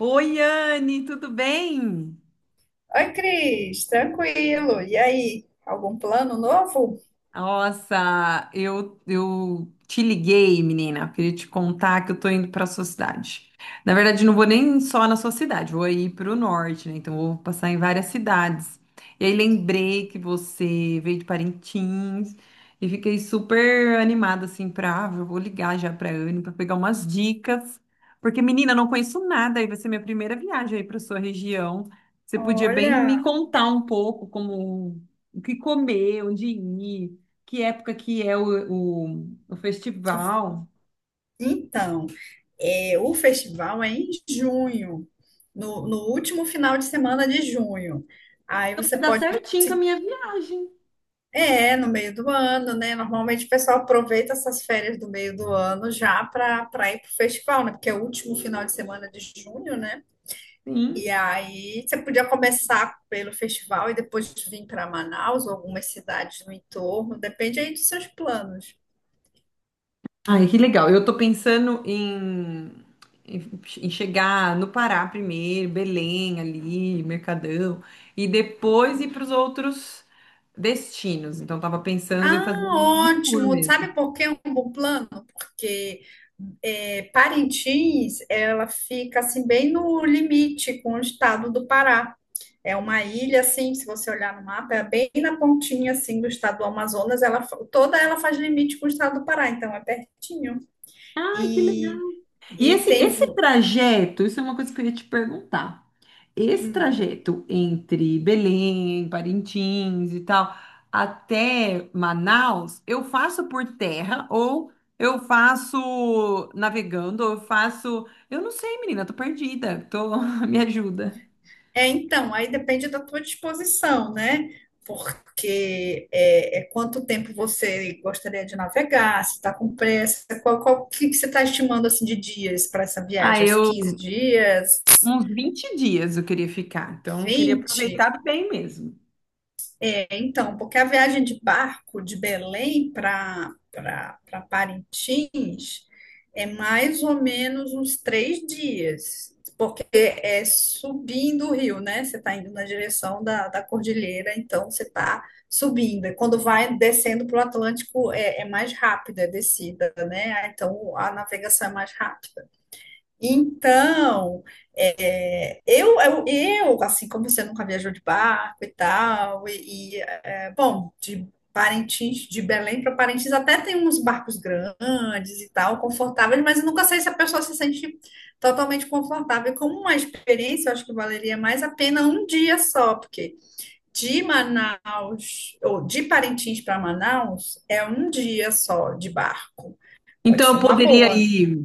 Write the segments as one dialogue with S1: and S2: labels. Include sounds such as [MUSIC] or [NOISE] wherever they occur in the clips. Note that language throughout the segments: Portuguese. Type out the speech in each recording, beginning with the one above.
S1: Oi, Anne, tudo bem?
S2: Oi, Cris, tranquilo. E aí, algum plano novo?
S1: Nossa, eu te liguei, menina. Queria te contar que eu tô indo pra sua cidade. Na verdade, não vou nem só na sua cidade, vou aí pro norte, né? Então, vou passar em várias cidades. E aí, lembrei que você veio de Parintins e fiquei super animada, assim, eu vou ligar já pra Anne pra pegar umas dicas. Porque, menina, eu não conheço nada, aí vai ser minha primeira viagem aí pra sua região. Você podia bem me
S2: Olha,
S1: contar um pouco como. O que comer, onde ir, que época que é o festival.
S2: então, o festival é em junho, no último final de semana de junho. Aí você
S1: Vai dar
S2: pode,
S1: certinho com a
S2: se-
S1: minha viagem.
S2: no meio do ano, né? Normalmente o pessoal aproveita essas férias do meio do ano já para ir para o festival, né? Porque é o último final de semana de junho, né?
S1: Sim.
S2: E aí você podia começar pelo festival e depois vir para Manaus ou algumas cidades no entorno, depende aí dos seus planos.
S1: Ai, que legal. Eu tô pensando em chegar no Pará primeiro, Belém ali, Mercadão, e depois ir para os outros destinos. Então, tava pensando em
S2: Ah,
S1: fazer um tour
S2: ótimo!
S1: mesmo.
S2: Sabe por que é um bom plano? Porque Parintins, ela fica assim bem no limite com o estado do Pará. É uma ilha assim, se você olhar no mapa, é bem na pontinha assim do estado do Amazonas, toda ela faz limite com o estado do Pará, então é pertinho.
S1: Ai, que legal!
S2: E
S1: E
S2: e
S1: esse,
S2: tem
S1: esse
S2: vo-
S1: trajeto, isso é uma coisa que eu ia te perguntar. Esse
S2: hum.
S1: trajeto entre Belém, Parintins e tal, até Manaus, eu faço por terra ou eu faço navegando, ou eu faço. Eu não sei, menina, tô perdida. Tô... [LAUGHS] Me ajuda.
S2: É, então, aí depende da tua disposição, né? Porque é quanto tempo você gostaria de navegar, se está com pressa, qual que você está estimando assim de dias para essa
S1: Ah,
S2: viagem? Uns 15
S1: eu.
S2: dias,
S1: Uns 20 dias eu queria ficar, então eu queria
S2: 20?
S1: aproveitar bem mesmo.
S2: É, então, porque a viagem de barco de Belém para Parintins é mais ou menos uns três dias, porque é subindo o rio, né? Você está indo na direção da cordilheira, então você está subindo. E quando vai descendo para o Atlântico, é mais rápida a descida, né? Ah, então a navegação é mais rápida. Então, assim como você nunca viajou de barco e tal, bom, de Parintins, de Belém para Parintins, até tem uns barcos grandes e tal, confortáveis, mas eu nunca sei se a pessoa se sente totalmente confortável. E como uma experiência, eu acho que valeria mais a pena um dia só, porque de Manaus, ou de Parintins para Manaus, é um dia só de barco. Pode
S1: Então
S2: ser
S1: eu
S2: uma
S1: poderia
S2: boa.
S1: ir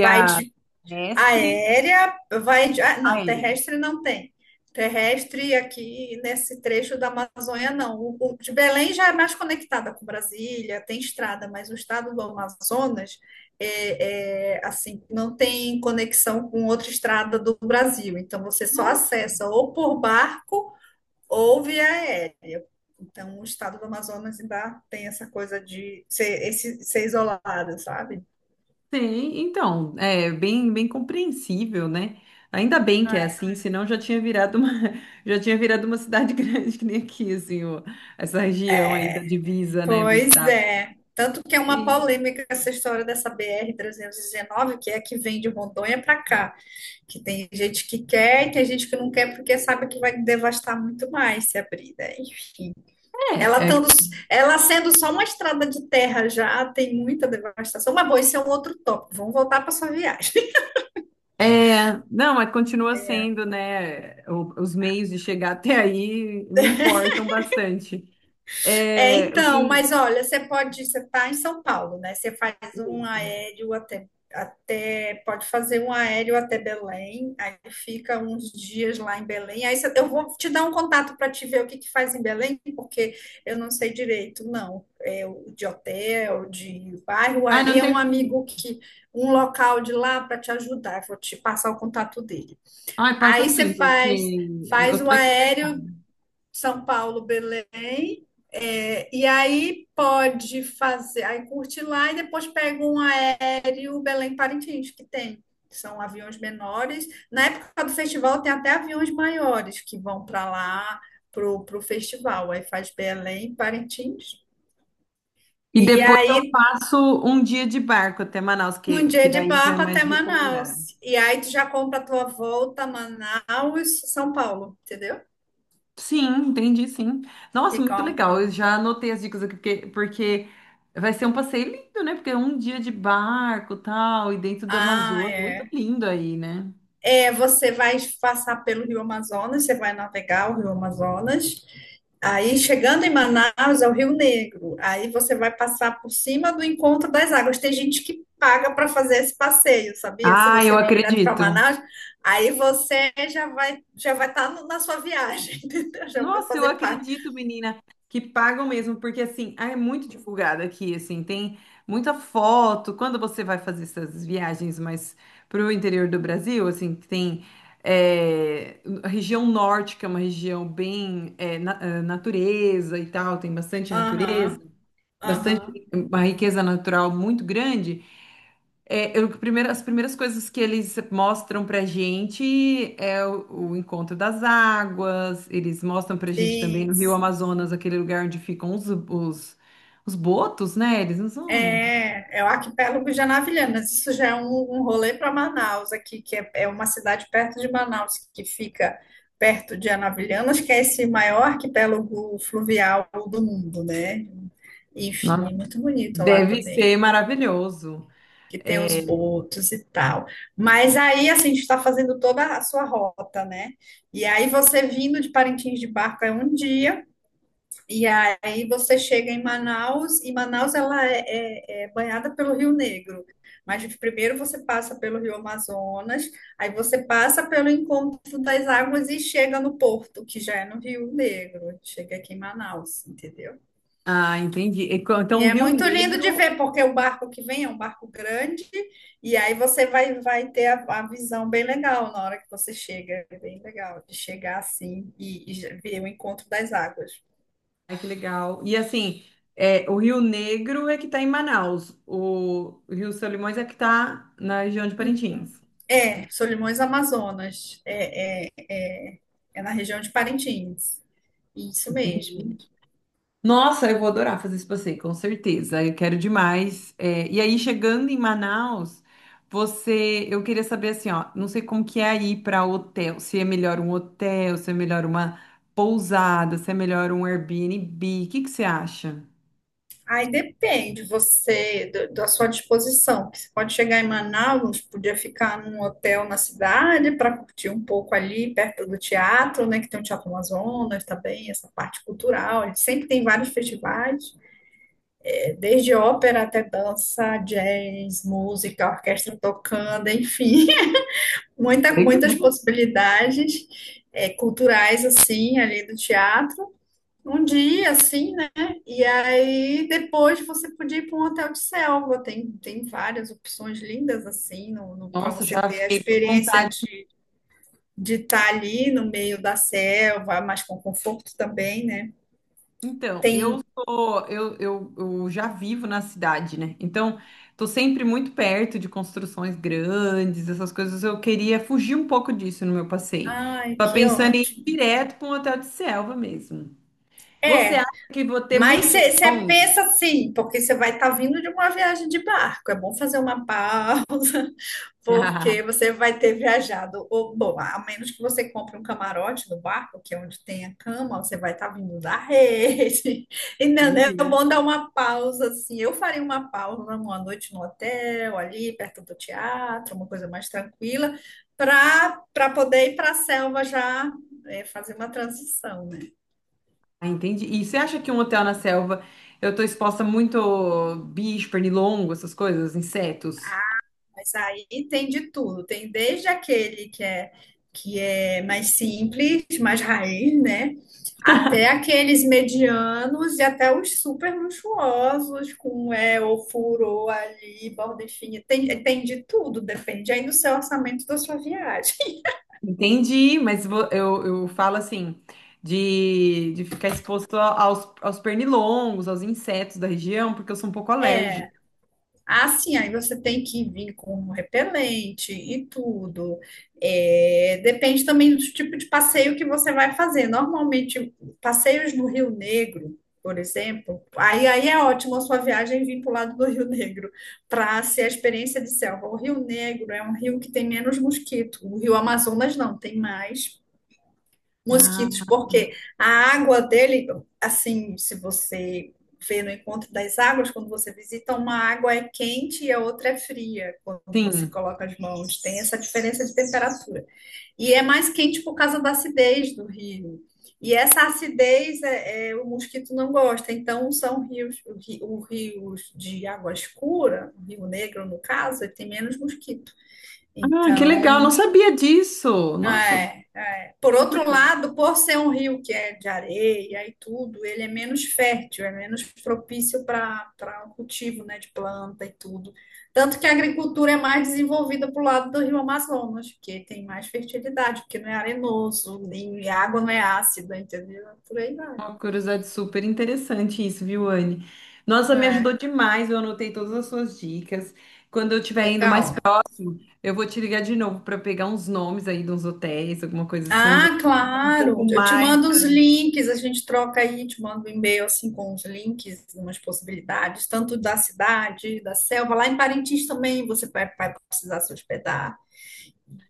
S2: Vai de
S1: mestre
S2: Aérea Ah, não,
S1: aérea.
S2: terrestre não tem. Terrestre aqui nesse trecho da Amazônia, não. O de Belém já é mais conectada com Brasília, tem estrada, mas o estado do Amazonas assim, não tem conexão com outra estrada do Brasil. Então você só
S1: Nossa!
S2: acessa ou por barco ou via aérea. Então o estado do Amazonas ainda tem essa coisa de ser, ser isolado, sabe?
S1: Sim, então, é bem, bem compreensível, né? Ainda bem que é assim, senão já tinha virado uma, [LAUGHS] já tinha virado uma cidade [LAUGHS] grande que nem aqui, assim, o- essa região aí da divisa, né, do
S2: Pois
S1: estado.
S2: é. Tanto que é uma
S1: E-
S2: polêmica essa história dessa BR-319, que é a que vem de Rondônia para cá. Que tem gente que quer e tem gente que não quer porque sabe que vai devastar muito mais se abrir, né? Enfim. Ela,
S1: é,
S2: tando,
S1: é,
S2: ela sendo só uma estrada de terra já tem muita devastação. Mas, bom, esse é um outro tópico. Vamos voltar para sua viagem.
S1: não, mas continua sendo, né, o- os meios de chegar até aí me importam bastante.
S2: É,
S1: É, o
S2: então,
S1: que,
S2: mas olha, você pode, você está em São Paulo, né? Você faz um aéreo pode fazer um aéreo até Belém, aí fica uns dias lá em Belém. Eu vou te dar um contato para te ver o que que faz em Belém, porque eu não sei direito, não. De hotel, de bairro.
S1: ai,
S2: Aí
S1: não
S2: é um
S1: tem que,
S2: amigo que, um local de lá para te ajudar. Eu vou te passar o contato dele.
S1: ai, passa
S2: Aí
S1: assim,
S2: você
S1: porque
S2: faz, faz
S1: eu
S2: o
S1: tô
S2: aéreo
S1: interessada.
S2: são Paulo, Belém. É, e aí pode fazer, aí curte lá e depois pega um aéreo Belém-Parintins, que tem. São aviões menores. Na época do festival tem até aviões maiores que vão para lá, pro festival. Aí faz Belém, Parintins.
S1: E
S2: E
S1: depois eu
S2: aí
S1: faço um dia de barco até Manaus,
S2: um
S1: que
S2: dia de
S1: daí já é
S2: barco
S1: mais
S2: até
S1: recomendado.
S2: Manaus. E aí tu já compra a tua volta a Manaus, São Paulo, entendeu?
S1: Sim, entendi, sim. Nossa, muito
S2: Fica um...
S1: legal. Eu já anotei as dicas aqui, porque vai ser um passeio lindo, né? Porque é um dia de barco, tal, e dentro do
S2: Ah,
S1: Amazonas, muito
S2: é.
S1: lindo aí, né?
S2: É, você vai passar pelo Rio Amazonas, você vai navegar o Rio Amazonas. Aí, chegando em Manaus, é o Rio Negro. Aí você vai passar por cima do Encontro das Águas. Tem gente que paga para fazer esse passeio, sabia? Se
S1: Ah,
S2: você
S1: eu
S2: vem direto para
S1: acredito.
S2: Manaus, aí você já vai estar na sua viagem, [LAUGHS] entendeu? Já vai
S1: Nossa, eu
S2: fazer parte.
S1: acredito, menina, que pagam mesmo, porque assim, ah, é muito divulgado aqui, assim, tem muita foto. Quando você vai fazer essas viagens mais para o interior do Brasil, assim, que tem é, a região norte, que é uma região bem é, natureza e tal, tem bastante natureza,
S2: Aham, aham.
S1: bastante uma riqueza natural muito grande. É, eu- primeiro- as primeiras coisas que eles mostram pra gente é o encontro das águas, eles mostram pra gente também no Rio
S2: Isso.
S1: Amazonas, aquele lugar onde ficam os botos, né? Eles não são.
S2: É, é o arquipélago de Anavilhanas. Isso já é um rolê para Manaus aqui, que é uma cidade perto de Manaus, que fica perto de Anavilhanas, que é esse maior arquipélago fluvial do mundo, né?
S1: Nossa,
S2: Enfim, é muito bonito lá
S1: deve
S2: também,
S1: ser maravilhoso.
S2: que tem os
S1: É,
S2: botos e tal. Mas aí, assim, a gente está fazendo toda a sua rota, né? E aí você vindo de Parintins de barco é um dia, e aí você chega em Manaus, e Manaus é banhada pelo Rio Negro. Mas primeiro você passa pelo Rio Amazonas, aí você passa pelo encontro das águas e chega no porto, que já é no Rio Negro. Chega aqui em Manaus, entendeu?
S1: ah, entendi. E co-
S2: E
S1: então, o
S2: é
S1: Rio
S2: muito lindo de
S1: Negro.
S2: ver, porque o barco que vem é um barco grande, e aí vai ter a visão bem legal na hora que você chega. É bem legal de chegar assim e ver o encontro das águas.
S1: Ai, que legal. E assim, é, o Rio Negro é que está em Manaus, o Rio Solimões é que está na região de Parintins.
S2: Solimões Amazonas. É na região de Parintins. Isso mesmo.
S1: Entendi. Nossa, eu vou adorar fazer esse passeio, com certeza. Eu quero demais. É, e aí, chegando em Manaus, você, eu queria saber assim, ó, não sei como que é aí para hotel, se é melhor um hotel, se é melhor uma pousada, se é melhor um Airbnb, o que que você acha?
S2: Aí depende você do- Da sua disposição. Porque você pode chegar em Manaus, podia ficar num hotel na cidade para curtir um pouco ali perto do teatro, né? Que tem o Teatro Amazonas também, essa parte cultural. Ele sempre tem vários festivais, desde ópera até dança, jazz, música, orquestra tocando, enfim.
S1: Legal.
S2: Muitas possibilidades culturais, assim, ali do teatro. Um dia, assim, né? E aí depois você podia ir para um hotel de selva. Tem várias opções lindas, assim, no, no, para
S1: Nossa,
S2: você
S1: já
S2: ter a
S1: fiquei com
S2: experiência
S1: vontade.
S2: de estar ali no meio da selva, mas com conforto também, né?
S1: Então, eu
S2: Tem.
S1: sou, eu já vivo na cidade, né? Então, tô sempre muito perto de construções grandes, essas coisas. Eu queria fugir um pouco disso no meu passeio.
S2: Ai,
S1: Tava
S2: que
S1: pensando em ir
S2: ótimo.
S1: direto para um hotel de selva mesmo. Você
S2: É.
S1: acha que vou ter
S2: Mas
S1: muito
S2: você
S1: pernilongo?
S2: pensa assim, porque você vai estar vindo de uma viagem de barco. É bom fazer uma pausa, porque
S1: [LAUGHS]
S2: você vai ter viajado, ou, bom, a menos que você compre um camarote no barco, que é onde tem a cama, você vai estar vindo da rede. [LAUGHS] Entendeu? É
S1: Entendi.
S2: bom dar uma pausa, assim. Eu faria uma pausa uma noite no hotel, ali perto do teatro, uma coisa mais tranquila, para poder ir para a selva já fazer uma transição, né?
S1: Ah, entendi. E você acha que um hotel na selva eu tô exposta muito bicho, pernilongo, essas coisas, insetos?
S2: Mas aí tem de tudo. Tem desde aquele que é mais simples, mais raiz, né? Até aqueles medianos e até os super luxuosos, com ofurô ali, borda fina. Tem de tudo, depende aí do seu orçamento e da sua viagem. [LAUGHS]
S1: Entendi, mas vo- eu falo assim, de ficar exposto a- aos, aos pernilongos, aos insetos da região, porque eu sou um pouco
S2: É.
S1: alérgica.
S2: Ah, sim, aí você tem que vir com um repelente e tudo. É, depende também do tipo de passeio que você vai fazer. Normalmente, passeios no Rio Negro, por exemplo, aí é ótimo a sua viagem vir para o lado do Rio Negro, para ser a experiência de selva. O Rio Negro é um rio que tem menos mosquito. O Rio Amazonas não, tem mais mosquitos,
S1: Ah,
S2: porque a água dele, assim, se você vê no encontro das águas, quando você visita, uma água é quente e a outra é fria, quando você
S1: sim.
S2: coloca as mãos. Tem essa diferença de temperatura. E é mais quente por causa da acidez do rio. E essa acidez o mosquito não gosta. Então, são rios, rios de água escura, o Rio Negro, no caso, ele tem menos mosquito.
S1: Ah, que legal, não
S2: Então,
S1: sabia disso. Nossa,
S2: é por
S1: bem
S2: outro
S1: curioso.
S2: lado, por ser um rio que é de areia e tudo, ele é menos fértil, é menos propício para o cultivo, né, de planta e tudo. Tanto que a agricultura é mais desenvolvida para o lado do rio Amazonas, porque tem mais fertilidade, porque não é arenoso, nem a água não é ácida, entendeu? É por aí vai.
S1: Uma curiosidade super interessante isso, viu, Anne? Nossa, me
S2: É,
S1: ajudou demais, eu anotei todas as suas dicas. Quando eu estiver indo mais
S2: legal.
S1: próximo, eu vou te ligar de novo para pegar uns nomes aí de uns hotéis, alguma coisa assim, vai
S2: Ah,
S1: falar um pouco
S2: claro. Eu te
S1: mais.
S2: mando os links, a gente troca aí, te mando um e-mail assim com os links, umas possibilidades, tanto da cidade, da selva. Lá em Parintins também vai precisar se hospedar.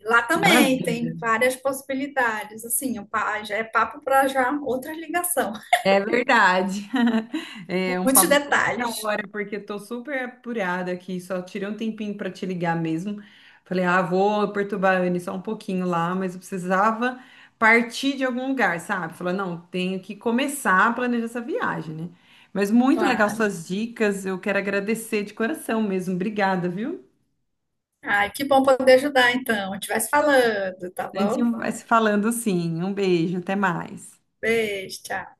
S2: Lá também tem
S1: Maravilha.
S2: várias possibilidades. Assim, já é papo para já outra ligação.
S1: É verdade. [LAUGHS] É
S2: [LAUGHS]
S1: um
S2: Muitos
S1: papo para outra
S2: detalhes,
S1: hora, porque eu tô super apurada aqui, só tirei um tempinho para te ligar mesmo. Falei, ah, vou perturbar a Anne só um pouquinho lá, mas eu precisava partir de algum lugar, sabe? Falei, não, tenho que começar a planejar essa viagem, né? Mas muito legal
S2: claro.
S1: suas dicas, eu quero agradecer de coração mesmo. Obrigada, viu?
S2: Ai, que bom poder ajudar então. A gente vai se falando, tá
S1: A gente
S2: bom?
S1: vai se falando sim. Um beijo, até mais.
S2: Beijo, tchau.